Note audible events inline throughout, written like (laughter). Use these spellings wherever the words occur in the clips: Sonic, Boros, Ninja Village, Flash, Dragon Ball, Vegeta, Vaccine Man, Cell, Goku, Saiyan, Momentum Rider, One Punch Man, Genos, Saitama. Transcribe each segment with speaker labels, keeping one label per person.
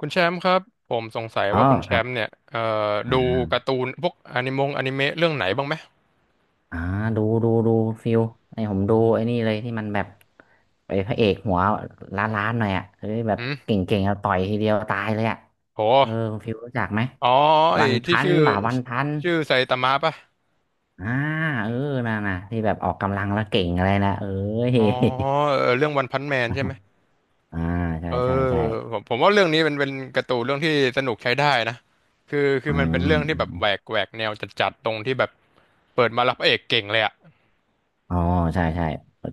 Speaker 1: คุณแชมป์ครับผมสงสัย
Speaker 2: อ๋อ
Speaker 1: ว่าคุณแช
Speaker 2: ครับ
Speaker 1: มป์เนี่ย
Speaker 2: อ่
Speaker 1: ดูกา
Speaker 2: า
Speaker 1: ร์ตูนพวกอนิเมะเรื่องไหนบ้างไหม
Speaker 2: อ่าดูดูดูฟิลไอ้ผมดูไอ้นี่เลยที่มันแบบไอ้พระเอกหัวล้านล้านหน่อยอ่ะเฮ้ยแบ
Speaker 1: อื
Speaker 2: บเก
Speaker 1: ม
Speaker 2: ่งๆเอาต่อยทีเดียวตายเลยอ่ะ
Speaker 1: โห
Speaker 2: เออคุณฟิลรู้จักไหม
Speaker 1: อ๋อไอ้
Speaker 2: วัน
Speaker 1: ที่
Speaker 2: พัน
Speaker 1: ชื่อ
Speaker 2: บ่าวันพัน
Speaker 1: ไซตามะป่ะ
Speaker 2: อ่าเออน่ะน่ะที่แบบออกกำลังแล้วเก่งอะไรนะเอ้ย
Speaker 1: อ๋อเออเรื่องวันพันแมนใช่ไหม
Speaker 2: (laughs) อ่าใช่
Speaker 1: เอ
Speaker 2: ใช่
Speaker 1: อ
Speaker 2: ใช่
Speaker 1: ผมว่าเรื่องนี้เป็นการ์ตูนเรื่องที่สนุกใช้ได้นะคือคื
Speaker 2: อื
Speaker 1: อมัน
Speaker 2: ม
Speaker 1: เป็นเรื่อง
Speaker 2: อ
Speaker 1: ที่แบบ
Speaker 2: ม
Speaker 1: แหวกแนวจัดๆตรงที่แบบเปิดมาแล้วพระเอกเก่งเลยอะ
Speaker 2: อ๋อใช่ใช่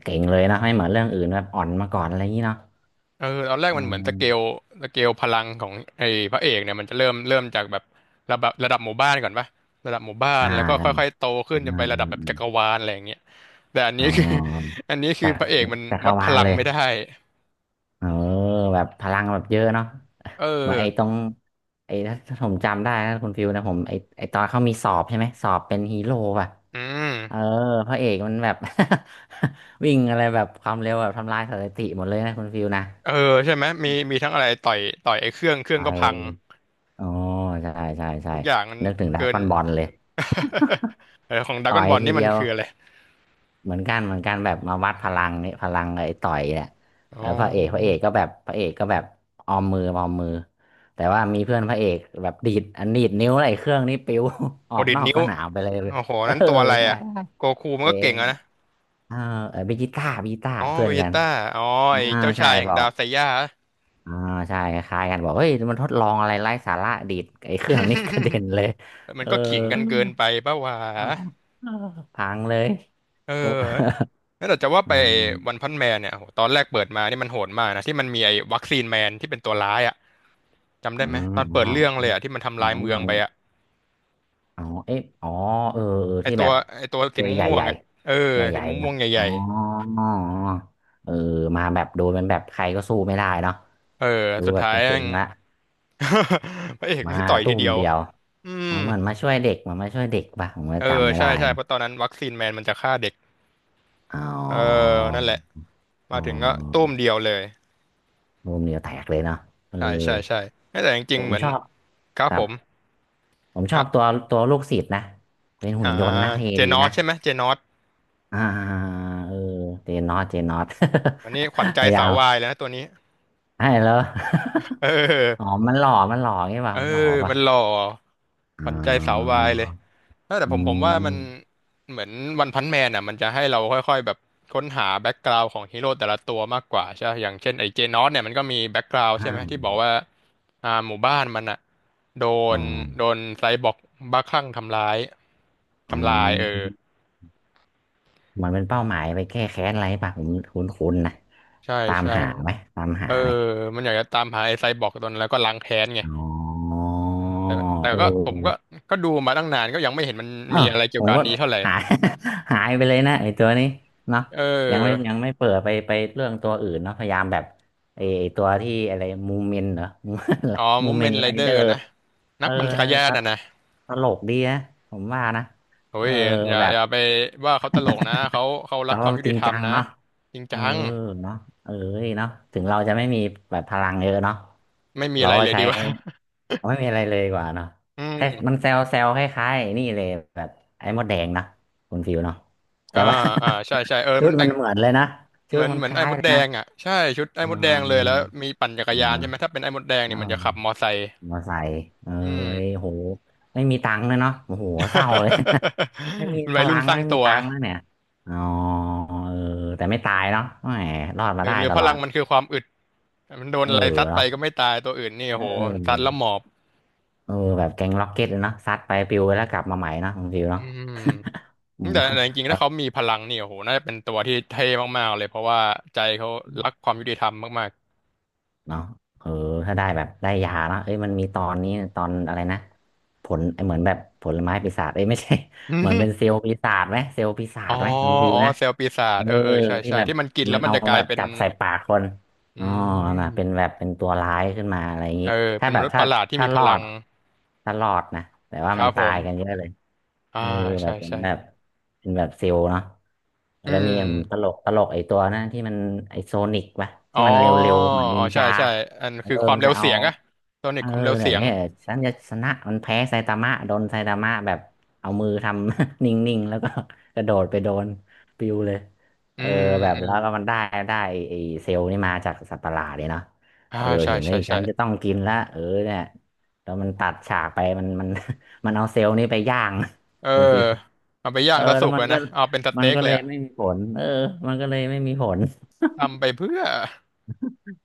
Speaker 2: เก่งเลยนะไม่เหมือนเรื่องอื่นแบบอ่อนมาก่อนอะไรอย่างนี้เนาะ
Speaker 1: เออตอนแรก
Speaker 2: อื
Speaker 1: มันเหมือน
Speaker 2: ม
Speaker 1: สเกลพลังของไอ้พระเอกเนี่ยมันจะเริ่มจากแบบระดับหมู่บ้านก่อนปะระดับหมู่บ้าน
Speaker 2: อ่า
Speaker 1: แล้วก็
Speaker 2: ใช่
Speaker 1: ค่อยๆโตขึ้
Speaker 2: อ่า
Speaker 1: นจนไประดับแบบ
Speaker 2: อื
Speaker 1: จั
Speaker 2: ม
Speaker 1: กรวาลอะไรอย่างเงี้ยแต่อัน
Speaker 2: อ๋
Speaker 1: นี้
Speaker 2: อ
Speaker 1: คือ (laughs) อันนี้คือ
Speaker 2: จาก
Speaker 1: พระเอกมัน
Speaker 2: จักร
Speaker 1: วัดพ
Speaker 2: วาล
Speaker 1: ลัง
Speaker 2: เลย
Speaker 1: ไม่ได้
Speaker 2: เออแบบพลังแบบเยอะเนาะ
Speaker 1: เออ
Speaker 2: (laughs) เหมือนไอ้ตรงไอ้ถ้าผมจำได้นะคุณฟิวนะผมไอ้ตอนเขามีสอบใช่ไหมสอบเป็นฮีโร่ป่ะ
Speaker 1: อื
Speaker 2: เออ
Speaker 1: ม
Speaker 2: พระเอกมันแบบ (laughs) วิ่งอะไรแบบความเร็วแบบทำลายสถิติหมดเลยนะคุณฟิวนะ
Speaker 1: เออใช่ไหมมีทั้งอะไรต่อยไอ้เครื่
Speaker 2: ไ
Speaker 1: องก็พัง
Speaker 2: ออ๋อใช่ใช่ใช่
Speaker 1: ทุกอย่างมัน
Speaker 2: นึกถึงดรา
Speaker 1: เกิน
Speaker 2: ก้อนบอลเลย
Speaker 1: (laughs) เออของดรา
Speaker 2: ต่
Speaker 1: ก้
Speaker 2: อ
Speaker 1: อน
Speaker 2: ย
Speaker 1: บอล
Speaker 2: ที
Speaker 1: นี่
Speaker 2: เดี
Speaker 1: มัน
Speaker 2: ยว
Speaker 1: คืออะไร
Speaker 2: เหมือนกันเหมือนกันแบบมาวัดพลังนี่พลังไอ้ต่อยแหละ
Speaker 1: อ๋
Speaker 2: เออ
Speaker 1: อ
Speaker 2: พระเอกพระเอกก็แบบพระเอกก็แบบออมมือออมมือแต่ว่ามีเพื่อนพระเอกแบบดีดอันดีดนิ้วอะไรเครื่องนี้ปิว (laughs) อ
Speaker 1: โห
Speaker 2: อก
Speaker 1: ดี
Speaker 2: น
Speaker 1: ด
Speaker 2: อก
Speaker 1: นิ้ว
Speaker 2: สนามไปเลย
Speaker 1: โอ้โห
Speaker 2: เอ
Speaker 1: นั้น
Speaker 2: อ
Speaker 1: ตัวอะไร
Speaker 2: ใช่
Speaker 1: อ่ะโกคูมัน
Speaker 2: เอ
Speaker 1: ก็เก่งอะนะ
Speaker 2: เออเออบิจิต้าบิจิต้า
Speaker 1: อ๋อ
Speaker 2: เพื่อ
Speaker 1: เว
Speaker 2: น
Speaker 1: เจ
Speaker 2: กัน
Speaker 1: ต้าอ๋อ
Speaker 2: อ่า
Speaker 1: ไอ้เจ้า
Speaker 2: ใช่
Speaker 1: ชายแห่ง
Speaker 2: บอ
Speaker 1: ดา
Speaker 2: ก
Speaker 1: วไซย่า
Speaker 2: อ่าใช่คล้ายๆกันบอกเฮ้ยมันทดลองอะไรไร้สาระดีดไอ้เครื่องนี้กระเด็นเลย
Speaker 1: (laughs) มั
Speaker 2: เอ
Speaker 1: น
Speaker 2: อ
Speaker 1: ก็ขิงกันเกินไปปะวะ
Speaker 2: เออเออพังเลย
Speaker 1: เออ
Speaker 2: ก็ (laughs)
Speaker 1: แล้วแต่จะว่า
Speaker 2: อื
Speaker 1: ไป
Speaker 2: ม
Speaker 1: วันพันแมนเนี่ยโหตอนแรกเปิดมานี่มันโหดมากนะที่มันมีไอ้วัคซีนแมนที่เป็นตัวร้ายอ่ะจำ
Speaker 2: อื
Speaker 1: ได้ไหม
Speaker 2: ม
Speaker 1: ตอน
Speaker 2: อ๋อ
Speaker 1: เปิดเรื่องเล
Speaker 2: เหมื
Speaker 1: ย
Speaker 2: อน
Speaker 1: อ่ะที่มันทำลายเมือ
Speaker 2: เห
Speaker 1: ง
Speaker 2: มือ
Speaker 1: ไป
Speaker 2: น
Speaker 1: อ่ะ
Speaker 2: อ๋อเอ๊ะอ๋อเออเออ
Speaker 1: ไอ้
Speaker 2: ที่
Speaker 1: ตั
Speaker 2: แบ
Speaker 1: ว
Speaker 2: บ
Speaker 1: ไอ้ตัวสี
Speaker 2: ตัวใหญ่
Speaker 1: ม่ว
Speaker 2: ให
Speaker 1: ง
Speaker 2: ญ่
Speaker 1: ๆอ่ะเออ
Speaker 2: ใหญ่ให
Speaker 1: สี
Speaker 2: ญ่ๆ
Speaker 1: ม่
Speaker 2: นะ
Speaker 1: วงๆให
Speaker 2: อ๋อ
Speaker 1: ญ่
Speaker 2: เออมาแบบโดนมันแบบใครก็สู้ไม่ได้เนาะ
Speaker 1: ๆเออ
Speaker 2: ดู
Speaker 1: สุด
Speaker 2: แบบ
Speaker 1: ท้าย
Speaker 2: จะเจ๊
Speaker 1: แม่ง
Speaker 2: งละ
Speaker 1: (laughs) พระเอก
Speaker 2: มา
Speaker 1: แม่งต่อยที
Speaker 2: ตุ้ม
Speaker 1: เดียว
Speaker 2: เดียว
Speaker 1: อืม
Speaker 2: มันเหมือนมาช่วยเด็กมันมาช่วยเด็กป่ะผมก็
Speaker 1: เออ
Speaker 2: จำไม่ได้
Speaker 1: ใช่ใช่เพ
Speaker 2: นะ
Speaker 1: ราะตอนนั้นวัคซีนแมนมันจะฆ่าเด็ก
Speaker 2: อ๋
Speaker 1: เอ
Speaker 2: อ
Speaker 1: อนั่นแหละ
Speaker 2: อ๋
Speaker 1: มาถึงก็ตุ้
Speaker 2: อ
Speaker 1: มเดียวเลย
Speaker 2: ตุ้มเดียวแตกเลยเนาะเออ
Speaker 1: ใช่ใช่ใช่ แต่จริ
Speaker 2: แต่
Speaker 1: งๆ
Speaker 2: ผ
Speaker 1: เหมื
Speaker 2: ม
Speaker 1: อน
Speaker 2: ชอบ
Speaker 1: ครั
Speaker 2: ค
Speaker 1: บ
Speaker 2: รั
Speaker 1: ผ
Speaker 2: บ
Speaker 1: ม
Speaker 2: ผมชอ
Speaker 1: อ่ะ
Speaker 2: บตัวตัวลูกศิษย์นะเป็นหุ่
Speaker 1: อ่า
Speaker 2: นยนต์นะเท่
Speaker 1: เจ
Speaker 2: ดี
Speaker 1: นอส
Speaker 2: นะ
Speaker 1: ใช่ไหมเจนอส
Speaker 2: อ่าเออเจนนอตเจนนอต
Speaker 1: อันนี้ขวัญใจ
Speaker 2: (laughs) พยายา
Speaker 1: สาว
Speaker 2: ม
Speaker 1: วายแล้วนะตัวนี้
Speaker 2: ให้แล้ว
Speaker 1: เ
Speaker 2: (laughs) อ๋อ
Speaker 1: ออ
Speaker 2: มันหล่อมันหล่อไงวะ
Speaker 1: เออ
Speaker 2: มันหล่อป่ะ
Speaker 1: มันหล่อข
Speaker 2: อ๋
Speaker 1: วัญใจสาววา
Speaker 2: อ
Speaker 1: ยเลยเออแต่
Speaker 2: อื
Speaker 1: ผมว่ามัน
Speaker 2: ม
Speaker 1: เหมือนวันพันแมนอ่ะมันจะให้เราค่อยๆแบบค้นหาแบ็กกราวด์ของฮีโร่แต่ละตัวมากกว่าใช่ไหมอย่างเช่นไอ้เจนอสเนี่ยมันก็มีแบ็กกราวด์ใช่ไหมที่
Speaker 2: อ่า
Speaker 1: บอกว่าอ่าหมู่บ้านมันอ่ะโด
Speaker 2: อ๋อ
Speaker 1: นโดนไซบอร์กบ้าคลั่งทำร้าย
Speaker 2: อื
Speaker 1: ทำลายเออ
Speaker 2: มเหมือนเป็นเป้าหมายไปแก้แค้นอะไรป่ะผมคุ้นคุ้นๆนะ
Speaker 1: ใช่
Speaker 2: ตาม
Speaker 1: ใช่
Speaker 2: หาไหมตาม
Speaker 1: เอ
Speaker 2: หา
Speaker 1: อ
Speaker 2: ไหม
Speaker 1: มันอยากจะตามหาไอ้ไซบอร์กตอนนั้นแล้วก็ล้างแค้นไง
Speaker 2: อ๋อ
Speaker 1: แต่แต่
Speaker 2: เ
Speaker 1: ก็ผมก็
Speaker 2: ออ
Speaker 1: ก็ดูมาตั้งนานก็ยังไม่เห็นมัน
Speaker 2: อ้า
Speaker 1: มี
Speaker 2: ว
Speaker 1: อะไรเกี่
Speaker 2: ผ
Speaker 1: ยว
Speaker 2: ม
Speaker 1: กับอั
Speaker 2: ก็
Speaker 1: นนี้เท่าไหร่
Speaker 2: หาย (laughs) หายไปเลยนะไอ้ตัวนี้เนาะ
Speaker 1: เอ
Speaker 2: ยังไม่
Speaker 1: อ
Speaker 2: ยังไม่เปิดไปไปเรื่องตัวอื่นเนาะพยายามแบบไอ้ตัวที่อะไรมูเมนเหรอ
Speaker 1: อ๋อ
Speaker 2: (laughs) มู
Speaker 1: มู
Speaker 2: เม
Speaker 1: เม
Speaker 2: น
Speaker 1: นต์ไร
Speaker 2: ไร
Speaker 1: เดอ
Speaker 2: เดอ
Speaker 1: ร์
Speaker 2: ร์
Speaker 1: นะ
Speaker 2: (laughs) เอ
Speaker 1: นั
Speaker 2: อ
Speaker 1: กปั่นจักรยา
Speaker 2: ต
Speaker 1: นอ่ะนะ
Speaker 2: ตลกดีนะผมว่านะ
Speaker 1: โอ้
Speaker 2: เออ
Speaker 1: ย
Speaker 2: แบบ
Speaker 1: อย่าไปว่าเขาตลกนะเขา
Speaker 2: แต่
Speaker 1: รักค
Speaker 2: ว่า
Speaker 1: วามยุ
Speaker 2: จ
Speaker 1: ติ
Speaker 2: ริง
Speaker 1: ธรร
Speaker 2: จั
Speaker 1: ม
Speaker 2: ง
Speaker 1: นะ
Speaker 2: เนาะ
Speaker 1: จริง
Speaker 2: เอ
Speaker 1: จั
Speaker 2: อ
Speaker 1: ง
Speaker 2: เนาะเอ้ยเนาะถึงเราจะไม่มีแบบพลังเยอะเนาะ
Speaker 1: ไม่มี
Speaker 2: เรา
Speaker 1: อะไร
Speaker 2: ก็
Speaker 1: เลย
Speaker 2: ใช้
Speaker 1: ดีกว่า
Speaker 2: เราไม่มีอะไรเลยดีกว่าเนาะ
Speaker 1: (laughs) อื
Speaker 2: แค่
Speaker 1: ม
Speaker 2: มันเซลเซลคล้ายๆไอ้นี่เลยแบบไอ้มดแดงนะคุณฟิวเนาะแต่
Speaker 1: อ่า
Speaker 2: ว่า
Speaker 1: อ่า ใช่ใช่เออ
Speaker 2: (laughs) ชุ
Speaker 1: มั
Speaker 2: ด
Speaker 1: นแต่
Speaker 2: มัน
Speaker 1: ง
Speaker 2: เหมือนเลยนะชุ
Speaker 1: เหมื
Speaker 2: ด
Speaker 1: อน
Speaker 2: มัน
Speaker 1: เหมือ
Speaker 2: ค
Speaker 1: นไอ้
Speaker 2: ล้าย
Speaker 1: มด
Speaker 2: เลย
Speaker 1: แด
Speaker 2: นะ
Speaker 1: งอ่ะใช่ชุดไอ้
Speaker 2: อ่
Speaker 1: มดแดงเลยแล้ว
Speaker 2: า
Speaker 1: มีปั่นจักรยานใช่ไหมถ้าเป็นไอ้มดแดงเนี่
Speaker 2: อ่า
Speaker 1: ยมันจะขับมอไซค์
Speaker 2: มาใส่เอ้
Speaker 1: อืม
Speaker 2: ยโหไม่มีตังค์เลยเนาะโอ้โหเศร้าเลย (laughs) ไม่มี
Speaker 1: (laughs) เป็น
Speaker 2: พ
Speaker 1: วัย
Speaker 2: ลั
Speaker 1: รุ่น
Speaker 2: ง
Speaker 1: สร้า
Speaker 2: ไม่
Speaker 1: ง
Speaker 2: มี
Speaker 1: ตัว
Speaker 2: ตังค์แล้วเนี่ยอ๋อเออแต่ไม่ตายเนาะแหมรอดมาได้
Speaker 1: หรือ
Speaker 2: ต
Speaker 1: พ
Speaker 2: ลอ
Speaker 1: ลัง
Speaker 2: ด
Speaker 1: มันคือความอึดมันโดน
Speaker 2: เออ
Speaker 1: อะไรซัดไป
Speaker 2: เนาะ
Speaker 1: ก็ไม่ตายตัวอื่นนี่
Speaker 2: เ
Speaker 1: โอ้โหซัด
Speaker 2: ออ
Speaker 1: แล้วหมอบ
Speaker 2: เออแบบแก๊งล็อกเก็ตเลยเนาะซัดไปปิวไปแล้วกลับมาใหม่เนาะคุณฟิว
Speaker 1: อื
Speaker 2: เนาะ
Speaker 1: ม
Speaker 2: (laughs) อืม
Speaker 1: แต่จริ
Speaker 2: (laughs)
Speaker 1: ง
Speaker 2: แบ
Speaker 1: ๆถ้า
Speaker 2: บ
Speaker 1: เขามีพลังนี่โอ้โหน่าจะเป็นตัวที่เท่มากๆเลยเพราะว่าใจเขารักความยุติธรรมมาก
Speaker 2: เนาะเออถ้าได้แบบได้ยาเนาะเอ้ยมันมีตอนนี้ตอนอะไรนะผลเหมือนแบบผลไม้ปีศาจเอ้ยไม่ใช่
Speaker 1: ๆ (laughs)
Speaker 2: (laughs) เหมือนเป็น
Speaker 1: อ
Speaker 2: เซลล์ปีศาจไหมเซลล์ปีศาจ
Speaker 1: อ๋อ
Speaker 2: ไหมคุณฟิว
Speaker 1: อ๋อ
Speaker 2: นะ
Speaker 1: เซลล์ปีศา
Speaker 2: เอ
Speaker 1: จ
Speaker 2: อ
Speaker 1: เออเออใช่
Speaker 2: ที่
Speaker 1: ใช่
Speaker 2: แบบ
Speaker 1: ที่มันกิน
Speaker 2: มั
Speaker 1: แล้
Speaker 2: น
Speaker 1: วมัน
Speaker 2: เอา
Speaker 1: จะกลา
Speaker 2: แบ
Speaker 1: ย
Speaker 2: บ
Speaker 1: เป็น
Speaker 2: จับใส่ปากคน
Speaker 1: อื
Speaker 2: อ๋อนะ
Speaker 1: ม
Speaker 2: เป็นแบบเป็นตัวร้ายขึ้นมาอะไรอย่าง
Speaker 1: เอ
Speaker 2: นี้
Speaker 1: อ
Speaker 2: ถ้า
Speaker 1: เป็น
Speaker 2: แบ
Speaker 1: ม
Speaker 2: บ
Speaker 1: นุษย์ป
Speaker 2: ถ้า
Speaker 1: ระหลาดที่
Speaker 2: ถ้า
Speaker 1: มีพ
Speaker 2: รอ
Speaker 1: ลัง
Speaker 2: ดถ้ารอดนะแต่ว่า
Speaker 1: ค
Speaker 2: มั
Speaker 1: รั
Speaker 2: น
Speaker 1: บผ
Speaker 2: ตา
Speaker 1: ม
Speaker 2: ยกันเยอะเลย
Speaker 1: อ่า
Speaker 2: เออแบ
Speaker 1: ใช่
Speaker 2: บเป็น
Speaker 1: ใช่
Speaker 2: แบบเป็นแบบซิลเนาะ
Speaker 1: อื
Speaker 2: แล้วมี
Speaker 1: ม
Speaker 2: ผมตลกตลกไอ้ตัวนะที่มันไอ้โซนิกปะ
Speaker 1: อ๋อ
Speaker 2: ที่มันเร็วๆเหมือนนิ
Speaker 1: อ๋อ
Speaker 2: น
Speaker 1: ใช่
Speaker 2: จา
Speaker 1: ใช่อัน
Speaker 2: เออ
Speaker 1: คือความ
Speaker 2: มัน
Speaker 1: เร็
Speaker 2: จะ
Speaker 1: ว
Speaker 2: เอา
Speaker 1: เสียงอะโซนิ
Speaker 2: เอ
Speaker 1: ก
Speaker 2: อ
Speaker 1: ความเร็ว
Speaker 2: เดี๋
Speaker 1: เสี
Speaker 2: ยว
Speaker 1: ยง
Speaker 2: เนี่ยฉันจะชนะมันแพ้ไซตามะโดนไซตามะแบบเอามือทำ (laughs) นิ่งๆแล้วก็ (laughs) กระโดดไปโดนปิวเลย
Speaker 1: อื
Speaker 2: เออ
Speaker 1: ม
Speaker 2: แบบ
Speaker 1: อืม
Speaker 2: แล้วก็มันได้ไอ้เซลล์นี่มาจากสัตว์ประหลาดเลยเนาะ
Speaker 1: อ่า
Speaker 2: เออ
Speaker 1: ใช่
Speaker 2: เห็นเล
Speaker 1: ใช่
Speaker 2: ย
Speaker 1: ใช่
Speaker 2: ฉันจะต้องกินละเออเนี่ยแล้วมันตัดฉากไปมัน (laughs) มันเอาเซลล์นี่ไปย่าง
Speaker 1: เออ
Speaker 2: (laughs) คุณฟิว
Speaker 1: เอาไปย่า
Speaker 2: เอ
Speaker 1: ง
Speaker 2: อ
Speaker 1: ซะสุ
Speaker 2: แล้ว
Speaker 1: ก
Speaker 2: มั
Speaker 1: เล
Speaker 2: น
Speaker 1: ย
Speaker 2: ก็
Speaker 1: นะเอาเป็นส
Speaker 2: มั
Speaker 1: เต็
Speaker 2: น
Speaker 1: ก
Speaker 2: ก็
Speaker 1: เล
Speaker 2: เล
Speaker 1: ย
Speaker 2: ย
Speaker 1: อะ
Speaker 2: ไม่มีผลเออมันก็เลยไม่มีผล
Speaker 1: ทำไปเพื่อ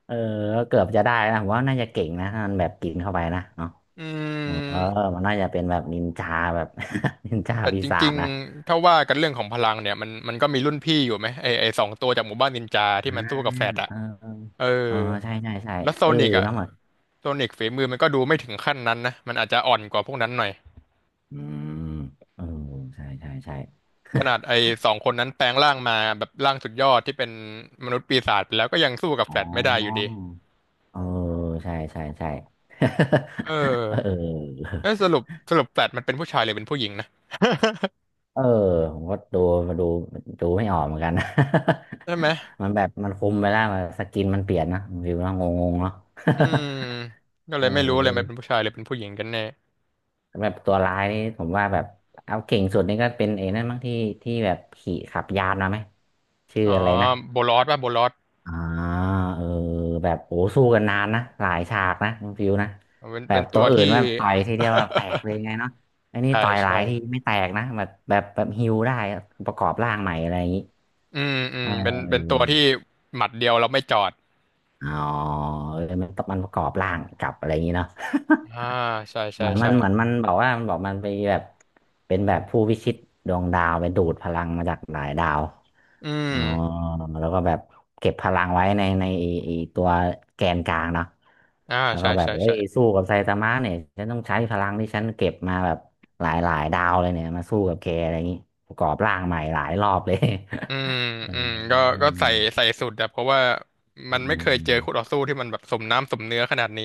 Speaker 2: เออก็เกือบจะได้นะผมว่าน่าจะเก่งนะถ้ามันแบบกินเข้าไปนะ
Speaker 1: อื
Speaker 2: เออ
Speaker 1: ม
Speaker 2: มันน่าจะเป็นแบบนินจาแบบ (laughs) นินจา
Speaker 1: แต่
Speaker 2: ปี
Speaker 1: จ
Speaker 2: ศา
Speaker 1: ริ
Speaker 2: จ
Speaker 1: ง
Speaker 2: นะ
Speaker 1: ๆถ้าว่ากันเรื่องของพลังเนี่ยมันก็มีรุ่นพี่อยู่ไหมไอสองตัวจากหมู่บ้านนินจาที่
Speaker 2: อ่า
Speaker 1: มันสู้กับแฟดอะ
Speaker 2: เออ
Speaker 1: เอ
Speaker 2: เอ
Speaker 1: อ
Speaker 2: อใช่ใช่ใช่
Speaker 1: แล้วโซ
Speaker 2: เออ
Speaker 1: นิกอะ
Speaker 2: เน้ามัน
Speaker 1: โซนิกฝีมือมันก็ดูไม่ถึงขั้นนั้นนะ มันอาจจะอ่อนกว่าพวกนั้นหน่อย
Speaker 2: อืมเออใช่ใช่ใช่
Speaker 1: ขนาดไอ้สองคนนั้นแปลงร่างมาแบบร่างสุดยอดที่เป็นมนุษย์ปีศาจไปแล้วก็ยังสู้กับ
Speaker 2: อ๋
Speaker 1: แฟ
Speaker 2: อ
Speaker 1: ลชไม่ได้อยู่ดี
Speaker 2: เออ ใช่ใช่ใช่
Speaker 1: เออ
Speaker 2: (laughs) เออ
Speaker 1: เอ้ยสรุปแฟลชมันเป็นผู้ชายหรือเป็นผู้หญิงนะ
Speaker 2: เออ ผมก็ดูมาดูดูไม่ออกเหมือนกันนะ
Speaker 1: ใช่ไหม
Speaker 2: (laughs) มันแบบมันคุมไปแล้วมันสกินมันเปลี่ยนนะวิวแลาวงงๆเนาะ
Speaker 1: อื
Speaker 2: (laughs)
Speaker 1: มก็เล
Speaker 2: เอ
Speaker 1: ยไม่รู้เลยมันเป็น
Speaker 2: อ
Speaker 1: ผู้ชายหรือเป็นผู้หญิงกันแน่
Speaker 2: แบบตัวร้ายนี่ผมว่าแบบเอาเก่งสุดนี่ก็เป็นไอ้นั่นบางที่ที่แบบขี่ขับยานมาไหมชื่อ
Speaker 1: อ๋อ
Speaker 2: อะไรนะ
Speaker 1: โบลอสป่ะโบลอส
Speaker 2: อ่าเออแบบโอ้สู้กันนานนะหลายฉากนะคุณฟิวนะ
Speaker 1: เป็น
Speaker 2: แบ
Speaker 1: เป็
Speaker 2: บ
Speaker 1: น
Speaker 2: ตั
Speaker 1: ตั
Speaker 2: ว
Speaker 1: ว
Speaker 2: อื่น
Speaker 1: ที่
Speaker 2: ว่าต่อยทีเดียวแบบแตกเลยไงเนาะอันนี้
Speaker 1: ใช่
Speaker 2: ต่อยหลา
Speaker 1: ใช่
Speaker 2: ยทีไม่แตกนะแบบฮิวได้อะประกอบร่างใหม่อะไรอย่างนี้
Speaker 1: อืมอื
Speaker 2: เอ๋
Speaker 1: ม
Speaker 2: อ
Speaker 1: เป็นตัวที่หมัดเดียวเราไม่จอด
Speaker 2: อ๋อเออมันประกอบร่างกลับอะไรอย่างนี้เนาะ
Speaker 1: อ่าใช่
Speaker 2: (laughs) เห
Speaker 1: ใช่
Speaker 2: มือนมั
Speaker 1: ใช่
Speaker 2: นเหมือนมันบอกว่ามันบอกมันไปแบบเป็นแบบผู้พิชิตดวงดาวไปดูดพลังมาจากหลายดาว
Speaker 1: อื
Speaker 2: อ๋
Speaker 1: ม
Speaker 2: อแล้วก็แบบเก็บพลังไว้ในไอ้ตัวแกนกลางเนาะ
Speaker 1: อ่า
Speaker 2: แล้ว
Speaker 1: ใช่
Speaker 2: ก็แบบ
Speaker 1: ใช่
Speaker 2: เฮ้
Speaker 1: ใช่
Speaker 2: ยสู้กับไซตามะเนี่ยฉันต้องใช้พลังที่ฉันเก็บมาแบบหลายดาวเลยเนี่ยมาสู้กับแกอะไรอย่างนี้ประกอบร่างใหม่หลายรอบเลย
Speaker 1: อืม
Speaker 2: (laughs) เอ
Speaker 1: อืมก็ใส่ใส่สุดอะเพราะว่ามันไม่เคยเจอคู่ต่อ
Speaker 2: อ
Speaker 1: สู้ที่มันแบบสมน้ำสมเนื้อขนาดนี้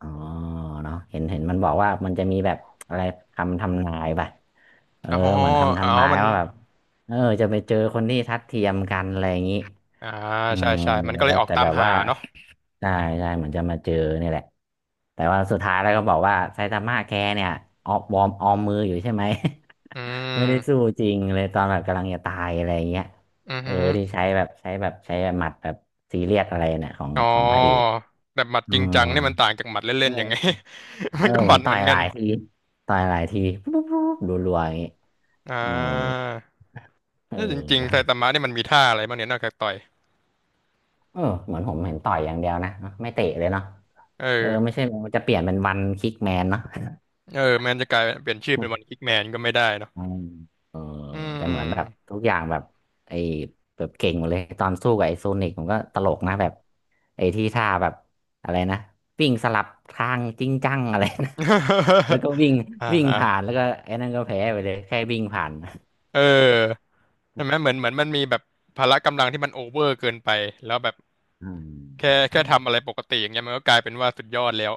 Speaker 2: อ๋อเนาะเห็นมันบอกว่ามันจะมีแบบอะไรคำทำนายป่ะเออ
Speaker 1: อ๋อ
Speaker 2: เหมือนคำ
Speaker 1: อ๋อ
Speaker 2: ทำนาย
Speaker 1: มัน
Speaker 2: ว่าแบบเออจะไปเจอคนที่ทัดเทียมกันอะไรอย่างนี้
Speaker 1: อ่า
Speaker 2: เออ
Speaker 1: ใช่ใช่มันก็เล
Speaker 2: แล้
Speaker 1: ย
Speaker 2: ว
Speaker 1: ออก
Speaker 2: แต่
Speaker 1: ตา
Speaker 2: แบ
Speaker 1: ม
Speaker 2: บ
Speaker 1: หา
Speaker 2: ว่า
Speaker 1: เนาะ
Speaker 2: ใช่ใช่เหมือนจะมาเจอนี่แหละแต่ว่าสุดท้ายแล้วก็บอกว่าไซตามะแกเนี่ยออกวอร์มออมมืออยู่ใช่ไหม
Speaker 1: อื
Speaker 2: (laughs) ไม่ได้สู้
Speaker 1: ม
Speaker 2: จริงเลยตอนแบบกำลังจะตายอะไรอย่างเงี้ย
Speaker 1: อือ
Speaker 2: เออ
Speaker 1: ฮึ
Speaker 2: ที่ใช้หมัดแบบซีเรียสอะไรเนี่ยของ
Speaker 1: อ๋อ
Speaker 2: ของพระเอก
Speaker 1: แต่หมัด
Speaker 2: อื
Speaker 1: จริง
Speaker 2: ม
Speaker 1: จังนี่มันต่างจากหมัดเล่นๆยังไง
Speaker 2: เออ
Speaker 1: (laughs)
Speaker 2: เอ
Speaker 1: มั
Speaker 2: อ
Speaker 1: นก็
Speaker 2: เห
Speaker 1: ห
Speaker 2: มื
Speaker 1: มั
Speaker 2: อน
Speaker 1: ดเห
Speaker 2: ต่
Speaker 1: มื
Speaker 2: อ
Speaker 1: อ
Speaker 2: ย
Speaker 1: น
Speaker 2: ห
Speaker 1: กั
Speaker 2: ลา
Speaker 1: น
Speaker 2: ยทีต่อยหลายทีปุ๊บปุ๊บปุ๊บรัวๆอย่างงี้
Speaker 1: อ่
Speaker 2: เออ
Speaker 1: า
Speaker 2: เ
Speaker 1: ถ้าจริงๆไซ
Speaker 2: ออ
Speaker 1: ตามะนี่มันมีท่าอะไรบ้างเนี่ยนอกจากต่อย
Speaker 2: เออเหมือนผมเห็นต่อยอย่างเดียวนะไม่เตะเลยเนาะ
Speaker 1: เออ
Speaker 2: เออไม่ใช่มันจะเปลี่ยนเป็นวันคิกแมนเนาะ
Speaker 1: เออแมนจะกลายเป็นเปลี่ยนชื่อเป็นวันคิ
Speaker 2: (laughs)
Speaker 1: กแมนก็ไม่ได้เนาะ
Speaker 2: อืมเออ
Speaker 1: อื
Speaker 2: แต่
Speaker 1: ม
Speaker 2: เหมือนแบบทุกอย่างแบบไอ้แบบเก่งหมดเลยตอนสู้กับไอ้โซนิกผมก็ตลกนะแบบไอ้ที่ท่าแบบอะไรนะวิ่งสลับทางจริงจังอะไรนะ (laughs) แล้ว
Speaker 1: (laughs)
Speaker 2: ก็วิ่ง
Speaker 1: อ่า
Speaker 2: วิ่ง
Speaker 1: อ่า
Speaker 2: ผ่านแล้วก็ไอ้นั่นก็แพ้ไปเลยแค่วิ่งผ่าน (laughs)
Speaker 1: เออ ใช่ไหมเหมือนมันมีแบบพละกำลังที่มันโอเวอร์เกินไปแล้วแบบ
Speaker 2: อืมใช่
Speaker 1: แค่
Speaker 2: ใช่
Speaker 1: แค่ทำอะไรปกติอย่างเงี้ยมันก็กลายเป็นว่าสุดยอดแล้ว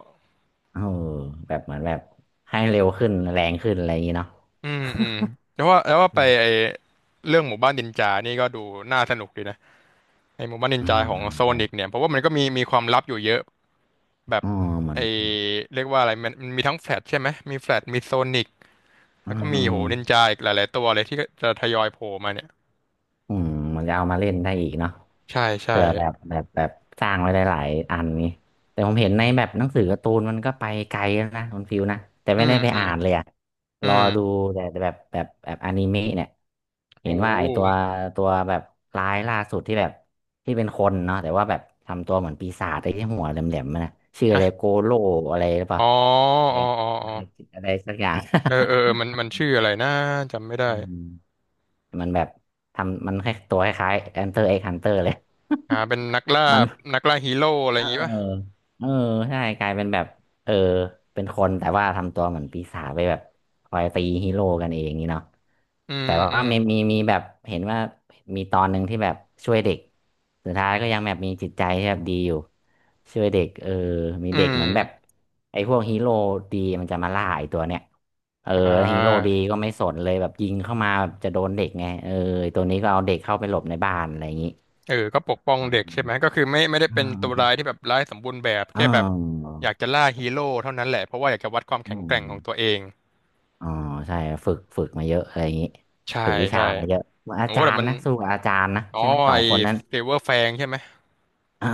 Speaker 2: เออแบบเหมือนแบบให้เร็วขึ้นแรงขึ้นอะไรอย่างนี้เนาะ
Speaker 1: อืมอืมแล้วว่าไป
Speaker 2: อื
Speaker 1: ไอเรื่องหมู่บ้านนินจานี่ก็ดูน่าสนุกดีนะไอหมู่บ้านนิ
Speaker 2: ม
Speaker 1: น
Speaker 2: อื
Speaker 1: จาของ
Speaker 2: ม
Speaker 1: โซ
Speaker 2: ใช่
Speaker 1: นิกเนี่ยเพราะว่ามันก็มีความลับอยู่เยอะแบบ
Speaker 2: อ๋อเหมือ
Speaker 1: ไอ
Speaker 2: น
Speaker 1: เรียกว่าอะไรมันมีทั้งแฟลชใช่ไหมมีแฟลชมีโซนิก
Speaker 2: อื
Speaker 1: แล้ว
Speaker 2: ม
Speaker 1: ก็มี
Speaker 2: อืม
Speaker 1: โหนินจาอีกหลายๆตัวเลยที่จะทยอยโผล่มาเนี่ย
Speaker 2: อืมเหมือนจะเอามาเล่นได้อีกเนาะ
Speaker 1: ใช่ใช่
Speaker 2: เผื่อแบบสร้างไว้หลายๆอันนี้แต่ผมเห็นในแบบหนังสือการ์ตูนมันก็ไปไกลแล้วนะคุณฟิวนะแต่
Speaker 1: อื
Speaker 2: ไม่ได้
Speaker 1: ม
Speaker 2: ไป
Speaker 1: อืม
Speaker 2: อ่านเลยอะ
Speaker 1: อื
Speaker 2: รอ
Speaker 1: ม
Speaker 2: ดูแต่แบบอนิเมะเนี่ย
Speaker 1: โอ
Speaker 2: เห็นว่าไอตัว
Speaker 1: ้
Speaker 2: ตัวแบบร้ายล่าสุดที่แบบที่เป็นคนเนาะแต่ว่าแบบทำตัวเหมือนปีศาจไอ้ที่หัวแหลมๆมันนะชื่ออะ
Speaker 1: ฮะ
Speaker 2: ไรโกโลอะไรหรือเป
Speaker 1: อ๋
Speaker 2: ล่า
Speaker 1: อ
Speaker 2: อะไร
Speaker 1: อ๋ออ๋ออ๋อ
Speaker 2: อะไรสักอย่าง
Speaker 1: เออเออเออมันชื่ออะไรนะจำไม่
Speaker 2: (laughs)
Speaker 1: ได้
Speaker 2: อืมมันแบบทำมันแค่ตัวคล้ายๆ Enter X Hunter เลย
Speaker 1: อ่าเป็นนักล่า
Speaker 2: (laughs) มัน
Speaker 1: นักล่าฮีโร่อะไร
Speaker 2: เอ
Speaker 1: อ
Speaker 2: อ
Speaker 1: ย่างงี้ป่ะ
Speaker 2: เออใช่กลายเป็นแบบ เออเป็นคนแต่ว่าทำตัวเหมือนปีศาจไปแบบคอยตีฮีโร่กันเองนี่เนาะ
Speaker 1: อืม
Speaker 2: แต่
Speaker 1: อื
Speaker 2: ว่า
Speaker 1: ม
Speaker 2: มีแบบเห็นว่ามีตอนหนึ่งที่แบบช่วยเด็กสุดท้ายก็ยังแบบมีจิตใจที่แบบดีอยู่ช่วยเด็กเออมี
Speaker 1: อื
Speaker 2: เด็กเหมือนแบบ
Speaker 1: ม
Speaker 2: ไอ้พวกฮีโร่ดีมันจะมาล่าไอ้ตัวเนี้ยเออ
Speaker 1: อ่
Speaker 2: แล้วฮีโร่
Speaker 1: า
Speaker 2: ดีก็ไม่สนเลยแบบยิงเข้ามาแบบจะโดนเด็กไงเออไอ้ตัวนี้ก็เอาเด็กเข้าไปหลบในบ้านอะไรอย่างนี้
Speaker 1: เออก็ปกป้องเด็กใช่ไหมก็คือไม่ได้
Speaker 2: อื
Speaker 1: เป็นตัวร้าย
Speaker 2: ม
Speaker 1: ที่แบบร้ายสมบูรณ์แบบ
Speaker 2: อื
Speaker 1: แค่
Speaker 2: ม
Speaker 1: แบบ
Speaker 2: อืม
Speaker 1: อยากจะล่าฮีโร่เท่านั้นแหละเพราะว่าอยากจะวัดความแข็
Speaker 2: อื
Speaker 1: งแก
Speaker 2: ม
Speaker 1: ร่งของตัวเอง
Speaker 2: อ๋อใช่ฝึกมาเยอะอะไรอย่างนี้
Speaker 1: ใช่
Speaker 2: ฝึกวิ
Speaker 1: ใช่
Speaker 2: ชามาเยอะเหมือนอา
Speaker 1: โอ้
Speaker 2: จา
Speaker 1: แต่
Speaker 2: รย์
Speaker 1: มัน
Speaker 2: นะสู้กับอาจารย์นะ
Speaker 1: อ๋อ
Speaker 2: ใช่ไหมส
Speaker 1: ไอ
Speaker 2: องคนนั้น
Speaker 1: เซเวอร์แฟงใช่ไหม
Speaker 2: เออ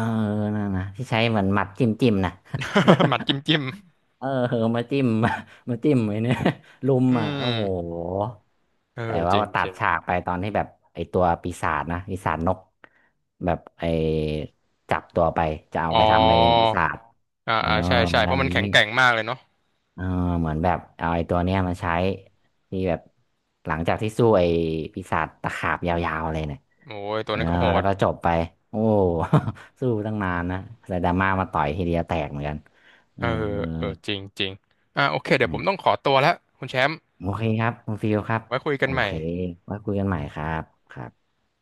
Speaker 2: นั่นนะที่ใช้เหมือนหมัดจิ้มจิ้มนะ
Speaker 1: (laughs) หมัดจิ้มจิ้ม
Speaker 2: (laughs) เออเออมาจิ้ม (laughs) มาจิ้มไว้เนี่ย (laughs) ลุม
Speaker 1: อื
Speaker 2: อ่ะโอ้
Speaker 1: ม
Speaker 2: โห
Speaker 1: เออ
Speaker 2: แต่ว่า
Speaker 1: จริง
Speaker 2: ตั
Speaker 1: จ
Speaker 2: ด
Speaker 1: ริ
Speaker 2: ฉา
Speaker 1: ง
Speaker 2: กไปตอนที่แบบไอตัวปีศาจนะปีศาจนกแบบไอจับตัวไปจะเอา
Speaker 1: อ๋
Speaker 2: ไป
Speaker 1: อ
Speaker 2: ทำไปเป็นปีศาจ
Speaker 1: อ่า
Speaker 2: เออ
Speaker 1: อ่าใช่ใช่
Speaker 2: อะ
Speaker 1: เพ
Speaker 2: ไร
Speaker 1: ราะ
Speaker 2: อ
Speaker 1: มัน
Speaker 2: ย่าง
Speaker 1: แข็ง
Speaker 2: นี้
Speaker 1: แกร่งมากเลยเนาะ
Speaker 2: เออเหมือนแบบเอาไอ้ตัวเนี้ยมาใช้ที่แบบหลังจากที่สู้ไอ้ปีศาจตะขาบยาวๆเลยเนี่ย
Speaker 1: โอ้ยตัว
Speaker 2: เออ
Speaker 1: นั้นก็โห
Speaker 2: แล้ว
Speaker 1: ด
Speaker 2: ก็จบไปโอ้ (laughs) สู้ตั้งนานนะแต่ดราม่ามาต่อยทีเดียวแตกเหมือนกันเอ
Speaker 1: เอ
Speaker 2: อ
Speaker 1: อ
Speaker 2: เออ
Speaker 1: เออจริงจริงอ่าโอเคเดี๋ยวผ
Speaker 2: นี่
Speaker 1: มต้องขอตัวแล้ว คุณแชมป์
Speaker 2: โอเคครับคุณฟิลครับ
Speaker 1: ไว้คุยกั
Speaker 2: โอ
Speaker 1: นใหม่
Speaker 2: เคไว้คุยกันใหม่ครับครับ